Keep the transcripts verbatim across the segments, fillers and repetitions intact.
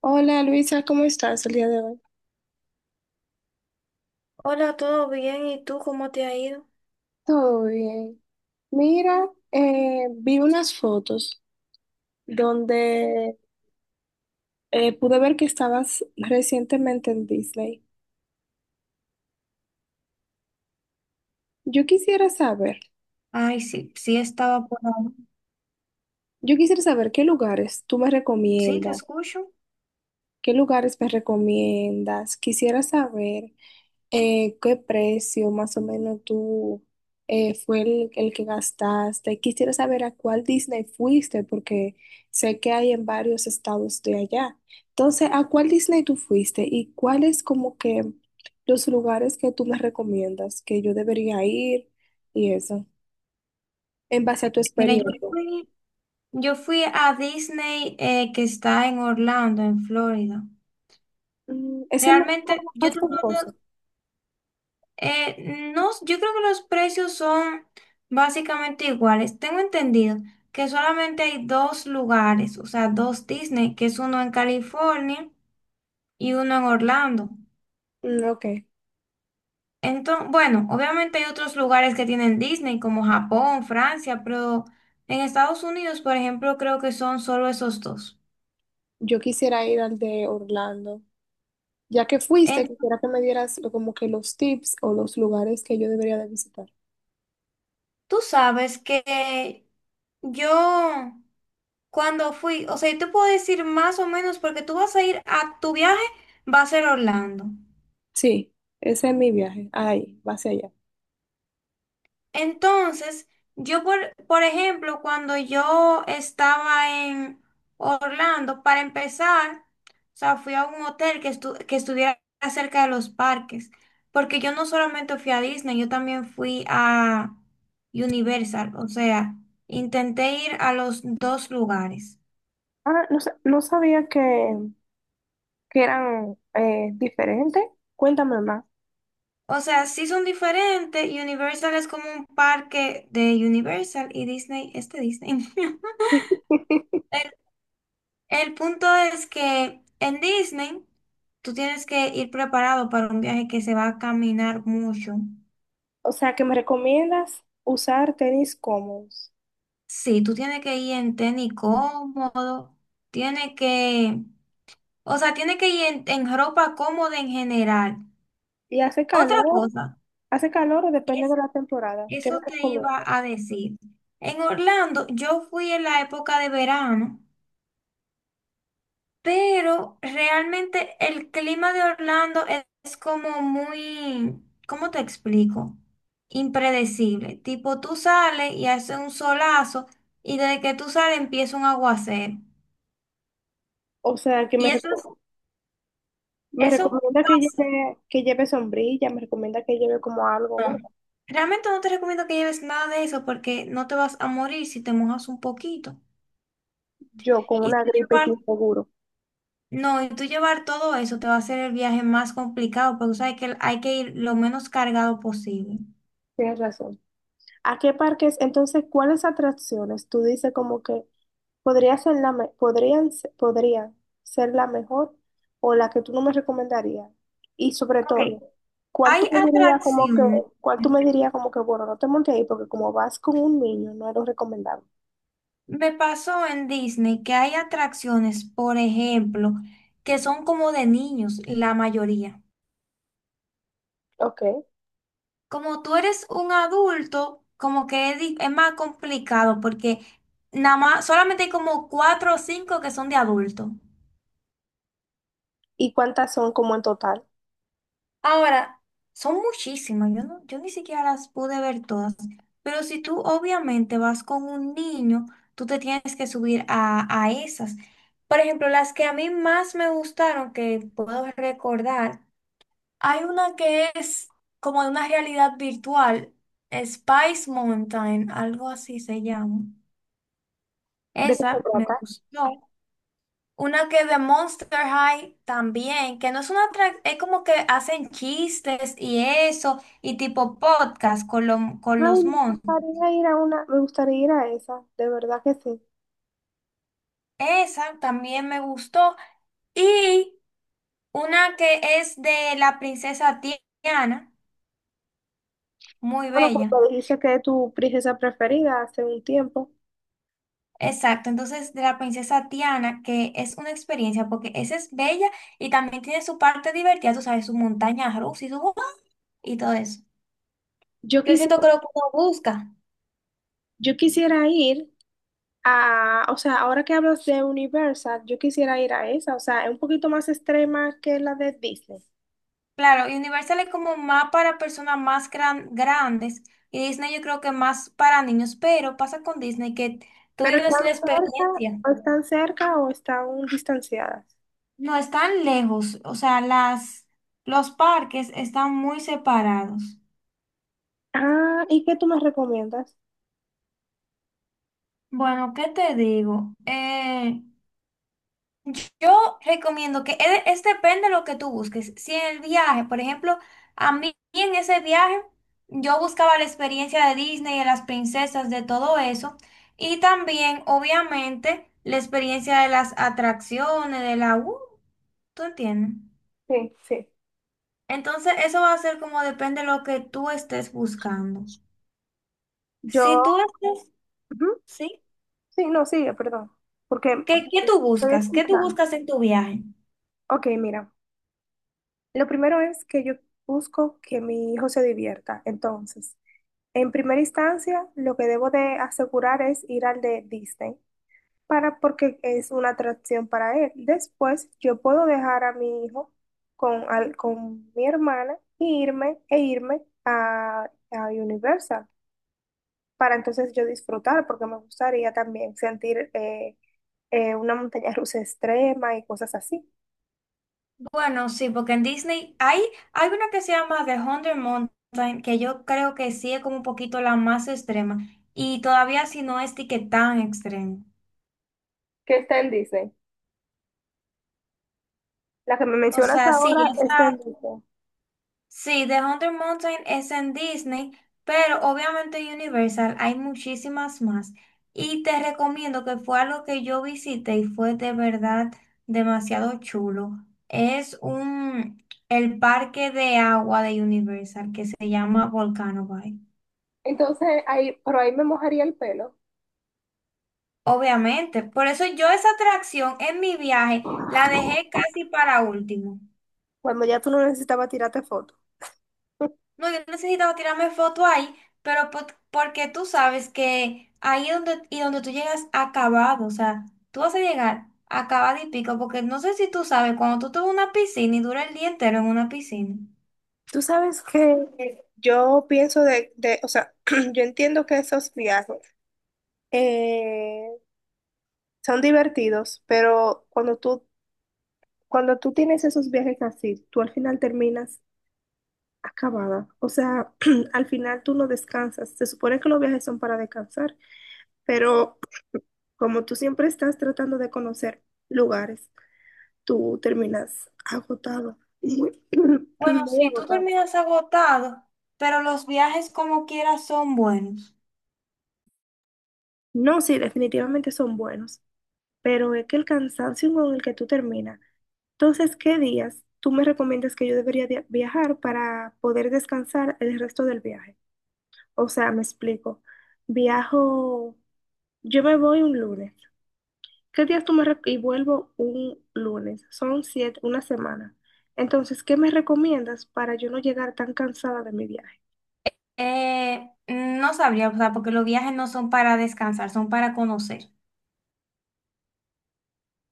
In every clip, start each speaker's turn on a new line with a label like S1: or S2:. S1: Hola Luisa, ¿cómo estás el día de hoy?
S2: Hola, ¿todo bien? ¿Y tú cómo te ha ido?
S1: Todo bien. Mira, eh, vi unas fotos donde eh, pude ver que estabas recientemente en Disney. Yo quisiera saber,
S2: Ay, sí, sí estaba por ahí.
S1: yo quisiera saber qué lugares tú me
S2: Sí, te
S1: recomiendas,
S2: escucho.
S1: qué lugares me recomiendas. Quisiera saber. Eh, ¿qué precio más o menos tú eh, fue el, el que gastaste? Quisiera saber a cuál Disney fuiste, porque sé que hay en varios estados de allá. Entonces, ¿a cuál Disney tú fuiste y cuáles como que los lugares que tú me recomiendas que yo debería ir y eso, en base a tu
S2: Mira, yo
S1: experiencia?
S2: fui, yo fui a Disney eh, que está en Orlando, en Florida.
S1: Mm, ¿ese no es el
S2: Realmente, yo
S1: más
S2: te puedo-
S1: costoso?
S2: eh, no, yo creo que los precios son básicamente iguales. Tengo entendido que solamente hay dos lugares, o sea, dos Disney, que es uno en California y uno en Orlando.
S1: Mm, ok,
S2: Entonces, bueno, obviamente hay otros lugares que tienen Disney, como Japón, Francia, pero en Estados Unidos, por ejemplo, creo que son solo esos dos.
S1: yo quisiera ir al de Orlando. Ya que fuiste,
S2: En-
S1: quisiera que me dieras lo- como que los tips o los lugares que yo debería de visitar.
S2: tú sabes que yo cuando fui, o sea, yo te puedo decir más o menos porque tú vas a ir a tu viaje, va a ser Orlando.
S1: Sí, ese es mi viaje. Ahí, va hacia allá.
S2: Entonces, yo, por, por ejemplo, cuando yo estaba en Orlando, para empezar, o sea, fui a un hotel que, estu- que estuviera cerca de los parques, porque yo no solamente fui a Disney, yo también fui a Universal, o sea, intenté ir a los dos lugares.
S1: Ah, no, sa- no sabía que, que eran eh, diferentes. Cuéntame más.
S2: O sea, sí son diferentes, Universal es como un parque de Universal y Disney es de Disney. El punto es que en Disney tú tienes que ir preparado para un viaje que se va a caminar mucho.
S1: O sea, que me recomiendas usar tenis cómodos.
S2: Sí, tú tienes que ir en tenis cómodo, tienes que, o sea, tienes que ir en, en ropa cómoda en general.
S1: ¿Y hace
S2: Otra
S1: calor?
S2: cosa,
S1: ¿Hace calor o depende
S2: es,
S1: de la temporada? ¿Qué me
S2: eso te iba
S1: recomienda?
S2: a decir. En Orlando, yo fui en la época de verano. Pero realmente el clima de Orlando es es como muy, ¿cómo te explico? Impredecible. Tipo, tú sales y hace un solazo y desde que tú sales empieza un aguacero.
S1: O sea, que me,
S2: Y eso es,
S1: reco- me
S2: eso
S1: recomienda que
S2: pasa.
S1: lleve, que lleve sombrilla, me recomienda que lleve como algo,
S2: No.
S1: ¿verdad?
S2: Realmente no te recomiendo que lleves nada de eso porque no te vas a morir si te mojas un poquito.
S1: Yo con
S2: Y
S1: una
S2: tú
S1: gripe
S2: llevar,
S1: sin seguro.
S2: no, y tú llevar todo eso te va a hacer el viaje más complicado porque tú sabes que hay que ir lo menos cargado posible.
S1: Tienes razón. ¿A qué parques? Entonces, ¿cuáles atracciones tú dices como que podría ser la me- podrían, se- podría ser la mejor o la que tú no me recomendarías? Y sobre
S2: Ok,
S1: todo, ¿cuál tú
S2: hay
S1: me dirías como que,
S2: atracciones.
S1: cuál tú me dirías como que, bueno, no te montes ahí porque como vas con un niño, no es lo recomendable?
S2: Me pasó en Disney que hay atracciones, por ejemplo, que son como de niños, la mayoría.
S1: Ok.
S2: Como tú eres un adulto, como que es, di- es más complicado porque nada más, solamente hay como cuatro o cinco que son de adulto.
S1: ¿Y cuántas son como en total?
S2: Ahora, son muchísimas, yo, no, yo ni siquiera las pude ver todas, pero si tú obviamente vas con un niño, tú te tienes que subir a, a esas. Por ejemplo, las que a mí más me gustaron, que puedo recordar, hay una que es como de una realidad virtual, Spice Mountain, algo así se llama.
S1: ¿De qué se
S2: Esa me
S1: trata?
S2: gustó. Una que de Monster High también, que no es una tra- es como que hacen chistes y eso, y tipo podcast con, lo- con
S1: Ay,
S2: los
S1: me
S2: monstruos.
S1: gustaría ir a una, me gustaría ir a esa, de verdad que sí.
S2: Esa también me gustó. Y una que es de la princesa Tiana, muy
S1: Bueno,
S2: bella.
S1: porque dijiste que es tu princesa preferida hace un tiempo.
S2: Exacto, entonces de la princesa Tiana, que es una experiencia, porque esa es bella y también tiene su parte divertida, tú sabes, su montaña rusa y su y todo eso.
S1: Yo
S2: Yo siento
S1: quisiera
S2: que lo que uno busca.
S1: Yo quisiera ir a, o sea, ahora que hablas de Universal, yo quisiera ir a esa, o sea, es un poquito más extrema que la de Disney.
S2: Claro, y Universal es como más para personas más gran- grandes y Disney yo creo que más para niños, pero pasa con Disney que tú
S1: Pero
S2: vives
S1: están
S2: la
S1: cerca,
S2: experiencia.
S1: o están cerca o están distanciadas.
S2: No están lejos, o sea, las, los parques están muy separados.
S1: Ah, ¿y qué tú me recomiendas?
S2: Bueno, ¿qué te digo? Eh, Yo recomiendo que es, es depende de lo que tú busques. Si en el viaje, por ejemplo, a mí en ese viaje yo buscaba la experiencia de Disney, de las princesas, de todo eso. Y también, obviamente, la experiencia de las atracciones, de la... Uh, ¿tú entiendes?
S1: Sí, sí.
S2: Entonces, eso va a ser como depende de lo que tú estés buscando.
S1: Yo,
S2: Si tú estás,
S1: ujú.
S2: ¿sí?
S1: Sí, no, sigue, perdón, porque
S2: ¿Qué, qué tú
S1: estoy
S2: buscas? ¿Qué tú
S1: escuchando.
S2: buscas en tu viaje?
S1: Ok, mira, lo primero es que yo busco que mi hijo se divierta. Entonces, en primera instancia, lo que debo de asegurar es ir al de Disney, para porque es una atracción para él. Después, yo puedo dejar a mi hijo con, al- con mi hermana y irme, e irme a, a Universal, para entonces yo disfrutar, porque me gustaría también sentir eh, eh, una montaña rusa extrema y cosas así.
S2: Bueno, sí, porque en Disney hay, hay una que se llama The Hundred Mountain, que yo creo que sí es como un poquito la más extrema, y todavía si no es de que tan extrema.
S1: ¿Qué está en Disney? La que me
S2: O
S1: mencionas
S2: sea, sí,
S1: ahora es en
S2: esa,
S1: Disney.
S2: sí, The Hundred Mountain es en Disney, pero obviamente en Universal hay muchísimas más. Y te recomiendo que fue algo que yo visité y fue de verdad demasiado chulo. Es un, el parque de agua de Universal que se llama Volcano Bay.
S1: Entonces, ahí, pero ahí me mojaría el pelo,
S2: Obviamente, por eso yo esa atracción en mi viaje la dejé casi para último.
S1: cuando ya tú no necesitabas tirarte fotos.
S2: No, yo necesitaba tirarme foto ahí, pero po- porque tú sabes que ahí es donde, y donde tú llegas acabado, o sea, tú vas a llegar acabado y pico, porque no sé si tú sabes, cuando tú te vas a una piscina y dura el día entero en una piscina,
S1: Tú sabes que yo pienso de, de- o sea, yo entiendo que esos viajes eh, son divertidos, pero cuando tú, cuando tú tienes esos viajes así, tú al final terminas acabada. O sea, al final tú no descansas. Se supone que los viajes son para descansar, pero como tú siempre estás tratando de conocer lugares, tú terminas agotado. Muy,
S2: bueno,
S1: muy
S2: sí tú
S1: agotado.
S2: terminas agotado, pero los viajes como quieras son buenos.
S1: No, sí, definitivamente son buenos, pero es que el cansancio con el que tú terminas. Entonces, ¿qué días tú me recomiendas que yo debería de- viajar para poder descansar el resto del viaje? O sea, me explico. Viajo, yo me voy un lunes. ¿Qué días tú me rec- y vuelvo un lunes? Son siete, una semana. Entonces, ¿qué me recomiendas para yo no llegar tan cansada de mi viaje?
S2: Eh, no sabría, o sea, porque los viajes no son para descansar, son para conocer.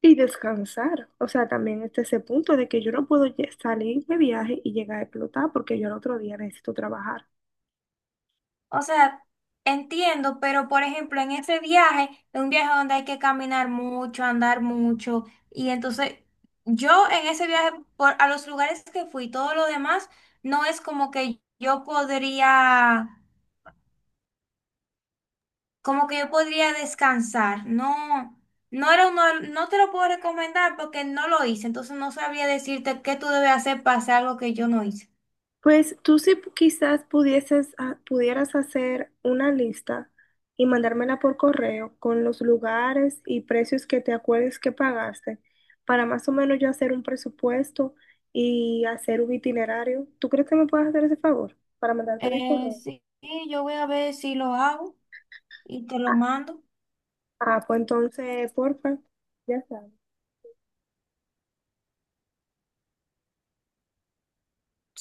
S1: Y descansar. O sea, también este ese punto de que yo no puedo lle- salir de viaje y llegar a explotar porque yo al otro día necesito trabajar.
S2: O sea, entiendo, pero por ejemplo, en ese viaje, es un viaje donde hay que caminar mucho, andar mucho, y entonces yo en ese viaje, por, a los lugares que fui, todo lo demás, no es como que yo podría, como que yo podría descansar, no, no era uno, no te lo puedo recomendar porque no lo hice, entonces no sabría decirte qué tú debes hacer para hacer algo que yo no hice.
S1: Pues tú sí pu- quizás pudieses, ah, pudieras hacer una lista y mandármela por correo con los lugares y precios que te acuerdes que pagaste para más o menos yo hacer un presupuesto y hacer un itinerario. ¿Tú crees que me puedes hacer ese favor para mandarte mi
S2: Eh,
S1: correo?
S2: sí, sí, yo voy a ver si lo hago y te lo
S1: Ah,
S2: mando.
S1: ah, pues entonces, porfa, ya sabes.